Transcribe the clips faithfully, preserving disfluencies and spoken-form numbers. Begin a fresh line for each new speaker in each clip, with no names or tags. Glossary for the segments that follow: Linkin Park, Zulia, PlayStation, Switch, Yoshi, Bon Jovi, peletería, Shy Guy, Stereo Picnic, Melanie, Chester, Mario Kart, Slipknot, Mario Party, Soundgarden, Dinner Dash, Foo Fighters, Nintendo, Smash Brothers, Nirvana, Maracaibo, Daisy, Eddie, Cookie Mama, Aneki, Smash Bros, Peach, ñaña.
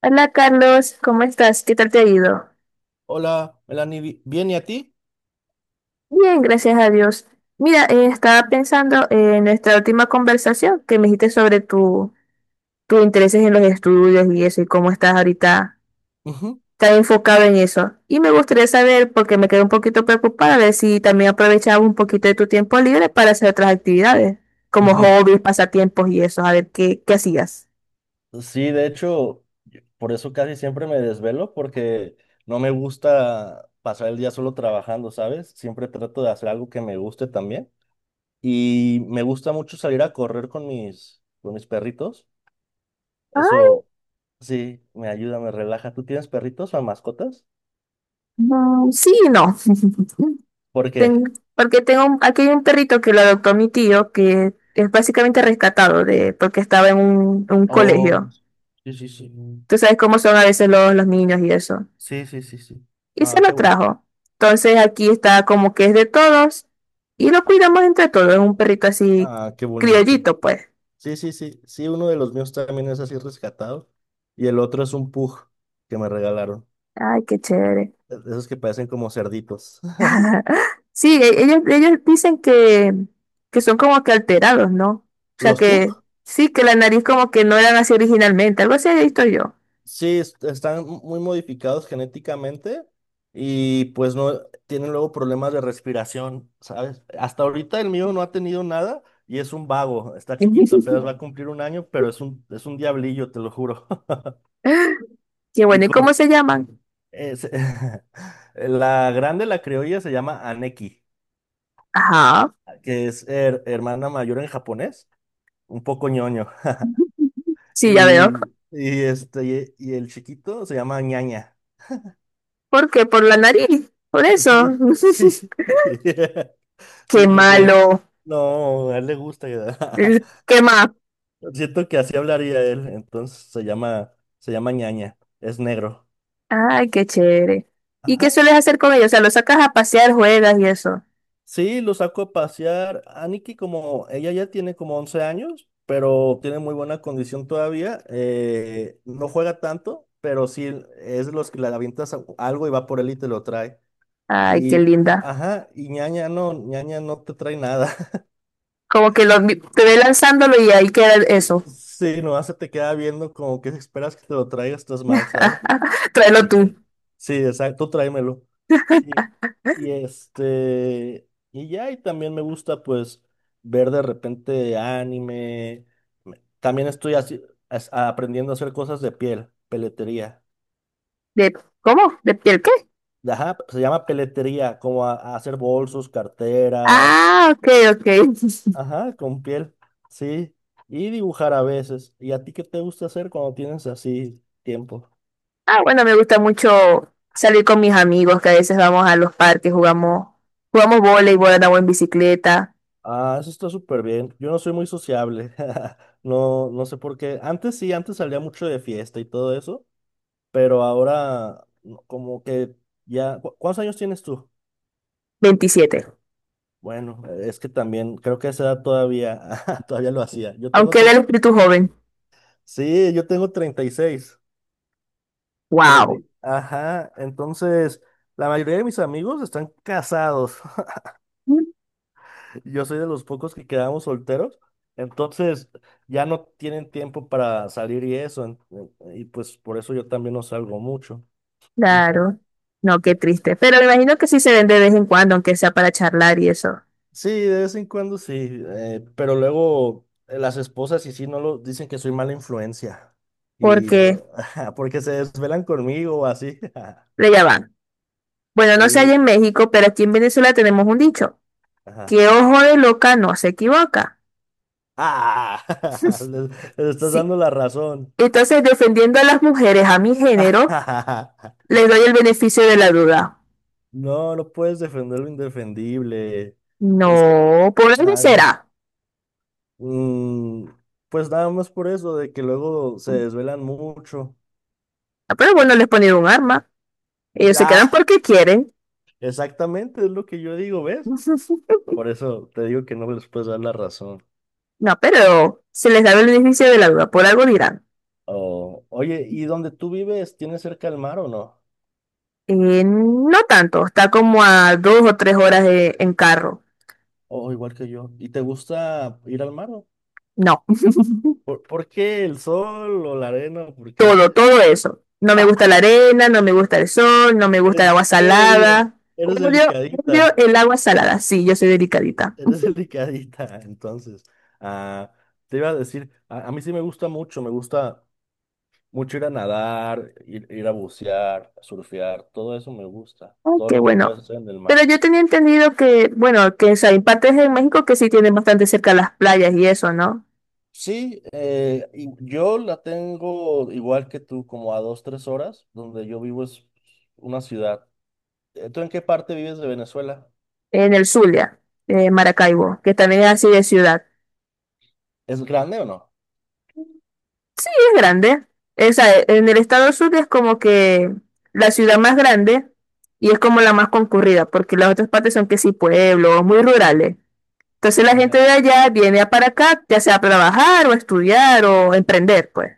Hola Carlos, ¿cómo estás? ¿Qué tal te ha ido?
Hola, Melanie, bi- ¿bien y a ti?
Bien, gracias a Dios. Mira, eh, estaba pensando en nuestra última conversación que me dijiste sobre tu, tus intereses en los estudios y eso, y cómo estás ahorita
Ujú,
tan enfocado en eso. Y me gustaría saber, porque me quedé un poquito preocupada, a ver si también aprovechaba un poquito de tu tiempo libre para hacer otras actividades, como
ujú.
hobbies, pasatiempos y eso, a ver qué, qué hacías.
Sí, de hecho, yo- por eso casi siempre me desvelo porque no me gusta pasar el día solo trabajando, ¿sabes? Siempre trato de hacer algo que me guste también. Y me gusta mucho salir a correr con mis, con mis perritos.
Ah,
Eso sí, me ayuda, me relaja. ¿Tú tienes perritos o mascotas?
mm, sí, y no.
¿Por
Ten-
qué?
Porque tengo, un- aquí hay un perrito que lo adoptó mi tío, que es básicamente rescatado de, porque estaba en un, un
Oh,
colegio.
sí, sí, sí.
Tú sabes cómo son a veces los, los niños y eso.
Sí, sí, sí, sí.
Y se
Ah,
lo
qué bueno.
trajo. Entonces aquí está como que es de todos y lo cuidamos entre todos. Es un perrito así
Ah, qué bonito.
criollito, pues.
Sí, sí, sí, sí, uno de los míos también es así rescatado y el otro es un pug que me regalaron,
Ay, qué chévere.
e- esos que parecen como cerditos.
Sí, e- ellos, ellos dicen que, que son como que alterados, ¿no? O sea
¿Los
que
pug?
sí, que la nariz como que no eran así originalmente. Algo así he visto yo.
Sí, est- están muy modificados genéticamente y pues no tienen luego problemas de respiración, ¿sabes? Hasta ahorita el mío no ha tenido nada y es un vago, está chiquito, apenas va a cumplir un año, pero es un, es un diablillo, te lo juro.
Qué
Y
bueno, ¿y cómo
corre.
se llaman?
es- La grande, la criolla, se llama Aneki.
Ajá,
Que es her- hermana mayor en japonés, un poco ñoño.
sí, ya veo.
Y, y este, y el chiquito se llama ñaña.
¿Por qué? Por la nariz, por eso.
Sí, sí.
Qué
Sí, porque
malo.
no, a él le gusta.
¿Qué más?
Siento que así hablaría él, entonces se llama, se llama ñaña, es negro.
Ay, qué chévere. ¿Y qué
Ajá.
sueles hacer con ellos? O sea, los sacas a pasear, juegas y eso.
Sí, lo saco a pasear. Aniki, como ella ya tiene como once años, pero tiene muy buena condición todavía, eh, no juega tanto, pero sí es de los que le avientas a- algo y va por él y te lo trae.
Ay, qué
Y, a-
linda.
ajá, y ñaña no, ñaña no te trae nada.
Como que lo, te ve lanzándolo y ahí queda eso.
Sí, nomás se te queda viendo como que esperas que te lo traiga, estás mal, ¿sabes? Yo te
Tráelo tú.
dije, sí, exacto, tú tráemelo. Sí, y este, y ya, y también me gusta pues ver de repente anime. Me- También estoy así, as- aprendiendo a hacer cosas de piel, peletería.
¿De, ¿Cómo? ¿De piel qué?
Ajá, se llama peletería, como a, a hacer bolsos, carteras,
Ah, ok, ok.
ajá, con piel, sí, y dibujar a veces. ¿Y a ti qué te gusta hacer cuando tienes así tiempo?
Ah, bueno, me gusta mucho salir con mis amigos, que a veces vamos a los parques, jugamos, jugamos voleibol, andamos en bicicleta.
Ah, eso está súper bien. Yo no soy muy sociable. No, no sé por qué. Antes sí, antes salía mucho de fiesta y todo eso, pero ahora no, como que ya. ¿cu- ¿Cuántos años tienes tú?
Veintisiete.
Bueno, es que también creo que a esa edad todavía, todavía lo hacía. Yo tengo
Aunque era el
tre-
espíritu joven.
sí, yo tengo treinta y seis. treinta,
Wow.
y- ajá, entonces la mayoría de mis amigos están casados. Yo soy de los pocos que quedamos solteros, entonces ya no tienen tiempo para salir y eso, en- en- y pues por eso yo también no salgo mucho. Ujú.
Claro. No, qué triste. Pero me imagino que sí se ven de vez en cuando, aunque sea para charlar y eso.
Sí, de vez en cuando sí, eh, pero luego eh, las esposas y sí no lo dicen que soy mala influencia y no,
Porque,
lo- ajá, porque se desvelan conmigo o así.
pero ya va. Bueno, no sé allá
Sí,
en México, pero aquí en Venezuela tenemos un dicho.
ajá.
Que ojo de loca no se equivoca.
Ah, les, les estás
Si
dando la razón.
Entonces, defendiendo a las mujeres, a mi género, les doy el beneficio de la duda.
No, no puedes defender lo indefendible. Es que
No, por algo
nada.
será.
Mm, pues nada más por eso, de que luego se desvelan mucho.
Ah, pero bueno,
Y,
les ponen un arma. Ellos se quedan
ah,
porque quieren.
exactamente, es lo que yo digo, ¿ves? Por eso te digo que no les puedes dar la razón.
No, pero se les da el beneficio de la duda. Por algo dirán.
O, oye, ¿y donde tú vives, tienes cerca el mar o no?
Eh, no tanto. Está como a dos o tres horas de- en carro.
O igual que yo. ¿Y te gusta ir al mar? ¿O?
No,
¿Por, por qué el sol o la arena? ¿O por qué?
todo, todo eso. No me gusta la arena, no me gusta el sol, no me gusta
En
el agua
serio,
salada.
eres
Odio, odio
delicadita,
el agua salada. Sí, yo soy delicadita.
eres delicadita. Entonces, ah, te iba a decir, a a mí sí me gusta mucho, me gusta. Mucho ir a nadar, ir, ir a bucear, surfear, todo eso me gusta,
Ay,
todo
qué
lo que
bueno.
puedes hacer en el
Pero
mar.
yo tenía entendido que, bueno, que o sea, hay partes en México que sí tienen bastante cerca las playas y eso, ¿no?
Sí, eh, y yo la tengo igual que tú, como a dos, tres horas, donde yo vivo es una ciudad. Eh, ¿Tú en qué parte vives de Venezuela?
En el Zulia, eh, Maracaibo, que también es así de ciudad.
¿Es grande o no?
Y es grande. Esa, en el estado Zulia es como que la ciudad más grande y es como la más concurrida, porque las otras partes son que sí pueblos, muy rurales. Entonces la gente
Oye,
de allá viene a para acá, ya sea a trabajar o estudiar o emprender, pues.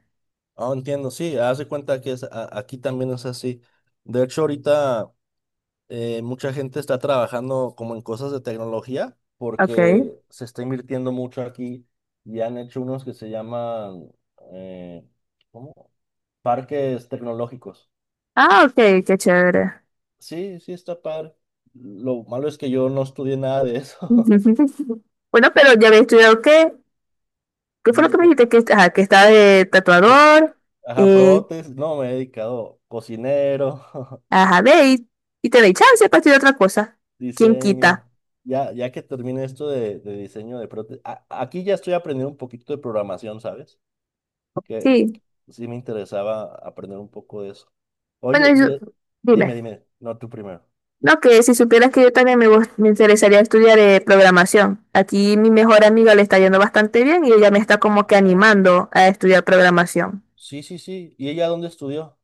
no entiendo, sí, haz de cuenta que es, a- aquí también es así. De hecho, ahorita, eh, mucha gente está trabajando como en cosas de tecnología
Ok.
porque se está invirtiendo mucho aquí y han hecho unos que se llaman eh, ¿cómo? Parques tecnológicos.
Ah, ok, qué chévere.
Sí, sí está padre. Lo malo es que yo no estudié nada de eso.
Bueno, pero ya había estudiado qué, qué fue lo que me
Lu-
dijiste que, ajá, que estaba de
pro-
tatuador,
Ajá,
eh,
prótesis, no, me he dedicado cocinero,
ajá, ve y, y te doy
sí,
chance para estudiar otra cosa. ¿Quién
diseño.
quita?
Ya, ya que termine esto de, de diseño de prótesis, a- aquí ya estoy aprendiendo un poquito de programación, ¿sabes? Que
Sí.
sí me interesaba aprender un poco de eso.
Bueno,
Oye,
y
y eh,
su- dime.
dime, dime, no tú primero.
No, que si supieras que yo también me, gust- me interesaría estudiar eh, programación. Aquí mi mejor amiga le está yendo bastante bien y ella me está como
Ah,
que animando a estudiar programación.
sí, sí, sí. ¿Y ella dónde estudió?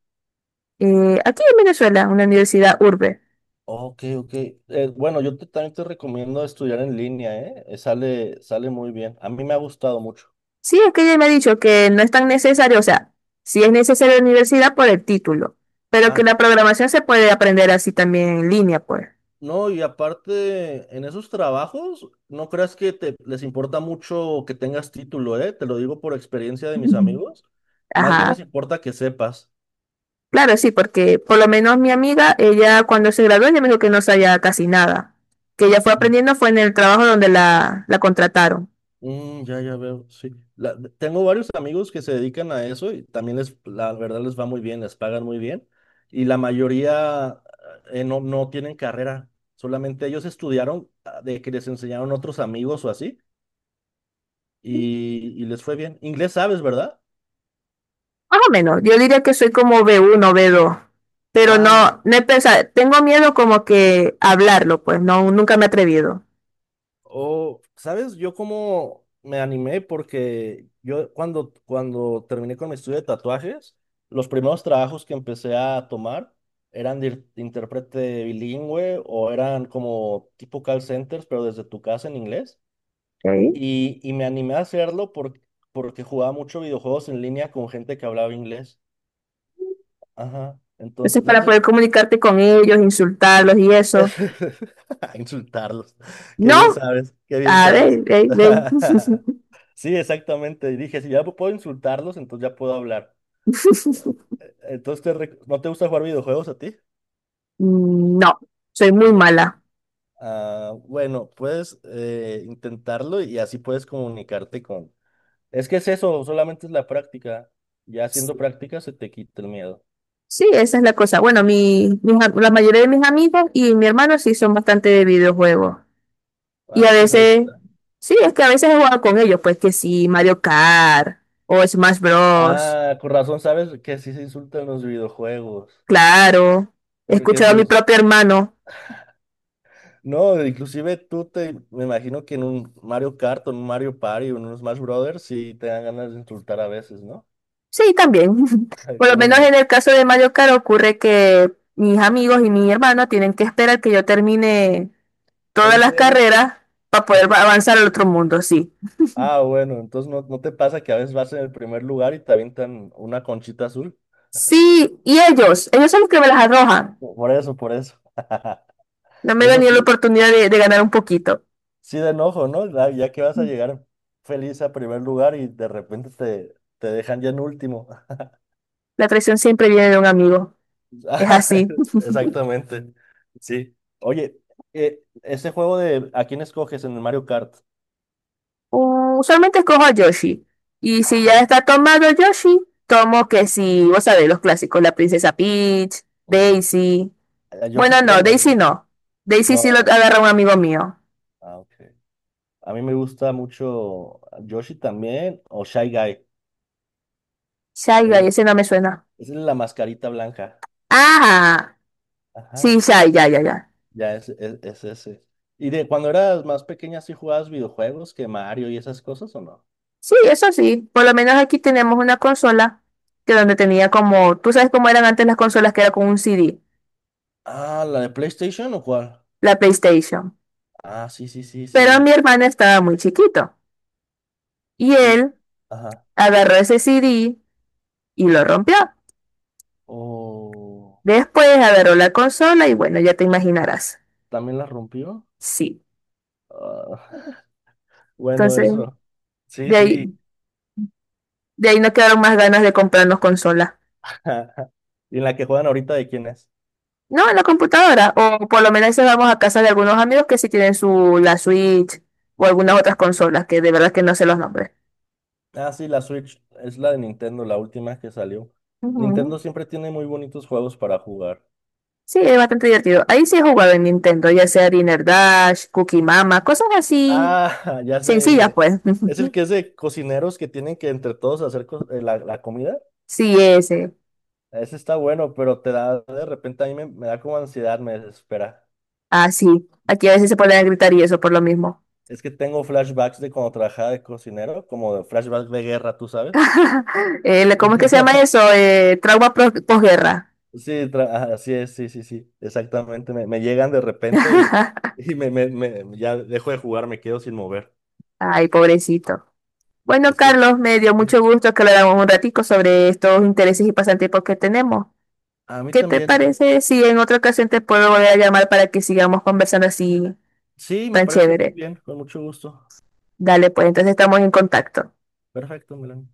Eh, aquí en Venezuela, una universidad urbe.
Ok, ok. Eh, bueno, yo te- también te recomiendo estudiar en línea, ¿eh? Eh, Sale, sale muy bien. A mí me ha gustado mucho.
Sí, es que ella me ha dicho que no es tan necesario, o sea, sí es necesario la universidad por el título, pero que
Ah,
la programación se puede aprender así también en línea, pues.
no, y aparte, en esos trabajos, no creas que te, les importa mucho que tengas título, ¿eh? Te lo digo por experiencia de mis
Ujú.
amigos. Más bien les
Ajá.
importa que sepas.
Claro, sí, porque por lo menos mi amiga, ella cuando se graduó, ella me dijo que no sabía casi nada. Que ella fue aprendiendo fue en el trabajo donde la, la contrataron.
Mm, ya, ya veo, sí. La- tengo varios amigos que se dedican a eso y también les, la verdad les va muy bien, les pagan muy bien. Y la mayoría eh, no, no tienen carrera, solamente ellos estudiaron ah, de que les enseñaron otros amigos o así y, y les fue bien. Inglés sabes, ¿verdad?
Más o menos, yo diría que soy como b uno, b dos, pero
Ah, no.
no, no he pensado, tengo miedo como que hablarlo, pues no, nunca me he atrevido.
Oh, ¿sabes? Yo como me animé porque yo cuando, cuando terminé con mi estudio de tatuajes, los primeros trabajos que empecé a tomar eran de ir- intérprete bilingüe o eran como tipo call centers, pero desde tu casa en inglés.
Ok.
Y, y me animé a hacerlo por- porque jugaba mucho videojuegos en línea con gente que hablaba inglés. Ajá.
Entonces,
Entonces, no
para
sé.
poder comunicarte con ellos, insultarlos y eso.
A insultarlos. Qué
No,
bien sabes, qué bien
a
sabes.
ver, ve, ve.
Sí, exactamente. Y dije, si ya puedo insultarlos, entonces ya puedo hablar. Eh, Entonces, ¿te rec- ¿no te gusta jugar videojuegos a ti?
No, soy muy
Sí.
mala.
Ah, bueno, puedes eh, intentarlo y así puedes comunicarte con. Es que es eso, solamente es la práctica. Ya haciendo práctica se te quita el miedo.
Sí, esa es la cosa. Bueno, mi, mis am- la mayoría de mis amigos y mi hermano sí son bastante de videojuegos. Y
Ah,
a
pues ahí
veces,
está.
sí, es que a veces he jugado con ellos, pues que sí, Mario Kart o Smash Bros.
Ah, con razón sabes que así se insultan los videojuegos,
Claro, he
porque
escuchado a mi
eso
propio hermano.
no, inclusive tú te, me imagino que en un Mario Kart, o en un Mario Party, o en un Smash Brothers, sí te dan ganas de insultar a veces, ¿no?
Sí, también. Por lo
¿Cómo
menos en
no?
el caso de Mario Kart ocurre que mis amigos y mi hermano tienen que esperar que yo termine todas
¿En
las
serio?
carreras para poder va- avanzar al otro mundo, sí.
Ah, bueno, entonces no, no te pasa que a veces vas en el primer lugar y te avientan una conchita azul.
Sí, y ellos, ellos son los que me las arrojan.
Por eso, por eso.
No me dan
Eso
ni la
sí,
oportunidad de, de ganar un poquito.
sí de enojo, ¿no? Ya ya que vas a llegar feliz a primer lugar y de repente te, te, dejan ya en último.
La traición siempre viene de un amigo, es
Ah,
así.
exactamente. Sí. Oye, eh, ese juego de ¿a quién escoges en el Mario Kart?
U- Usualmente escojo a Yoshi. Y si ya
Ah,
está tomado Yoshi, tomo que si, vos sabés, los clásicos, la princesa Peach,
mm,
Daisy.
a Yoshi
Bueno, no,
todos nos
Daisy
gusta.
no. Daisy sí lo
No,
agarra un amigo mío.
ah, ok. A mí me gusta mucho Yoshi también o Shy Guy.
Shy Guy,
El-
ese no me suena.
es la mascarita blanca.
Ah, sí,
Ajá,
Shy, ya, ya, ya.
ya es, es, es ese. ¿Y de cuando eras más pequeña sí jugabas videojuegos que Mario y esas cosas o no?
Sí, eso sí. Por lo menos aquí tenemos una consola que donde tenía como, tú sabes cómo eran antes las consolas que era con un C D,
Ah, ¿la de PlayStation o cuál?
la PlayStation.
Ah, sí, sí, sí,
Pero mi
sí.
hermano estaba muy chiquito y
Y,
él
ajá.
agarró ese C D y lo rompió.
O
Después agarró la consola y bueno, ya te imaginarás.
también la rompió.
Sí.
Ah, bueno,
Entonces,
eso. Sí,
de ahí,
sí.
de ahí no quedaron más ganas de comprarnos consolas.
¿Y en la que juegan ahorita de quién es?
No, en la computadora. O por lo menos a vamos a casa de algunos amigos que sí tienen su la Switch o algunas otras consolas que de verdad que no sé los nombres.
Ah, sí, la Switch es la de Nintendo, la última que salió. Nintendo
Ujú.
siempre tiene muy bonitos juegos para jugar.
Sí, es bastante divertido. Ahí sí he jugado en Nintendo, ya sea Dinner Dash, Cookie Mama, cosas así
Ah, ya sé.
sencillas,
en-
pues.
Es el que es de cocineros que tienen que entre todos hacer co- eh, la, la comida.
Sí, ese.
Ese está bueno, pero te da de repente a mí me, me da como ansiedad, me desespera.
Ah, sí. Aquí a veces se ponen a gritar y eso por lo mismo.
Es que tengo flashbacks de cuando trabajaba de cocinero, como de flashbacks de guerra, ¿tú sabes?
Eh, ¿cómo es que se llama eso? Eh, trauma pro- posguerra.
Sí, tra- ajá, así es, sí, sí, sí, exactamente. Me, me llegan de repente y, y me, me, me- ya dejo de jugar, me quedo sin mover.
Ay, pobrecito. Bueno,
Es que
Carlos, me dio
sí.
mucho gusto que habláramos un ratico sobre estos intereses y pasatiempos que tenemos.
A mí
¿Qué te
también.
parece si en otra ocasión te puedo volver a llamar para que sigamos conversando así
Sí, me
tan
parece muy
chévere?
bien, con mucho gusto.
Dale, pues entonces estamos en contacto.
Perfecto, Melanie.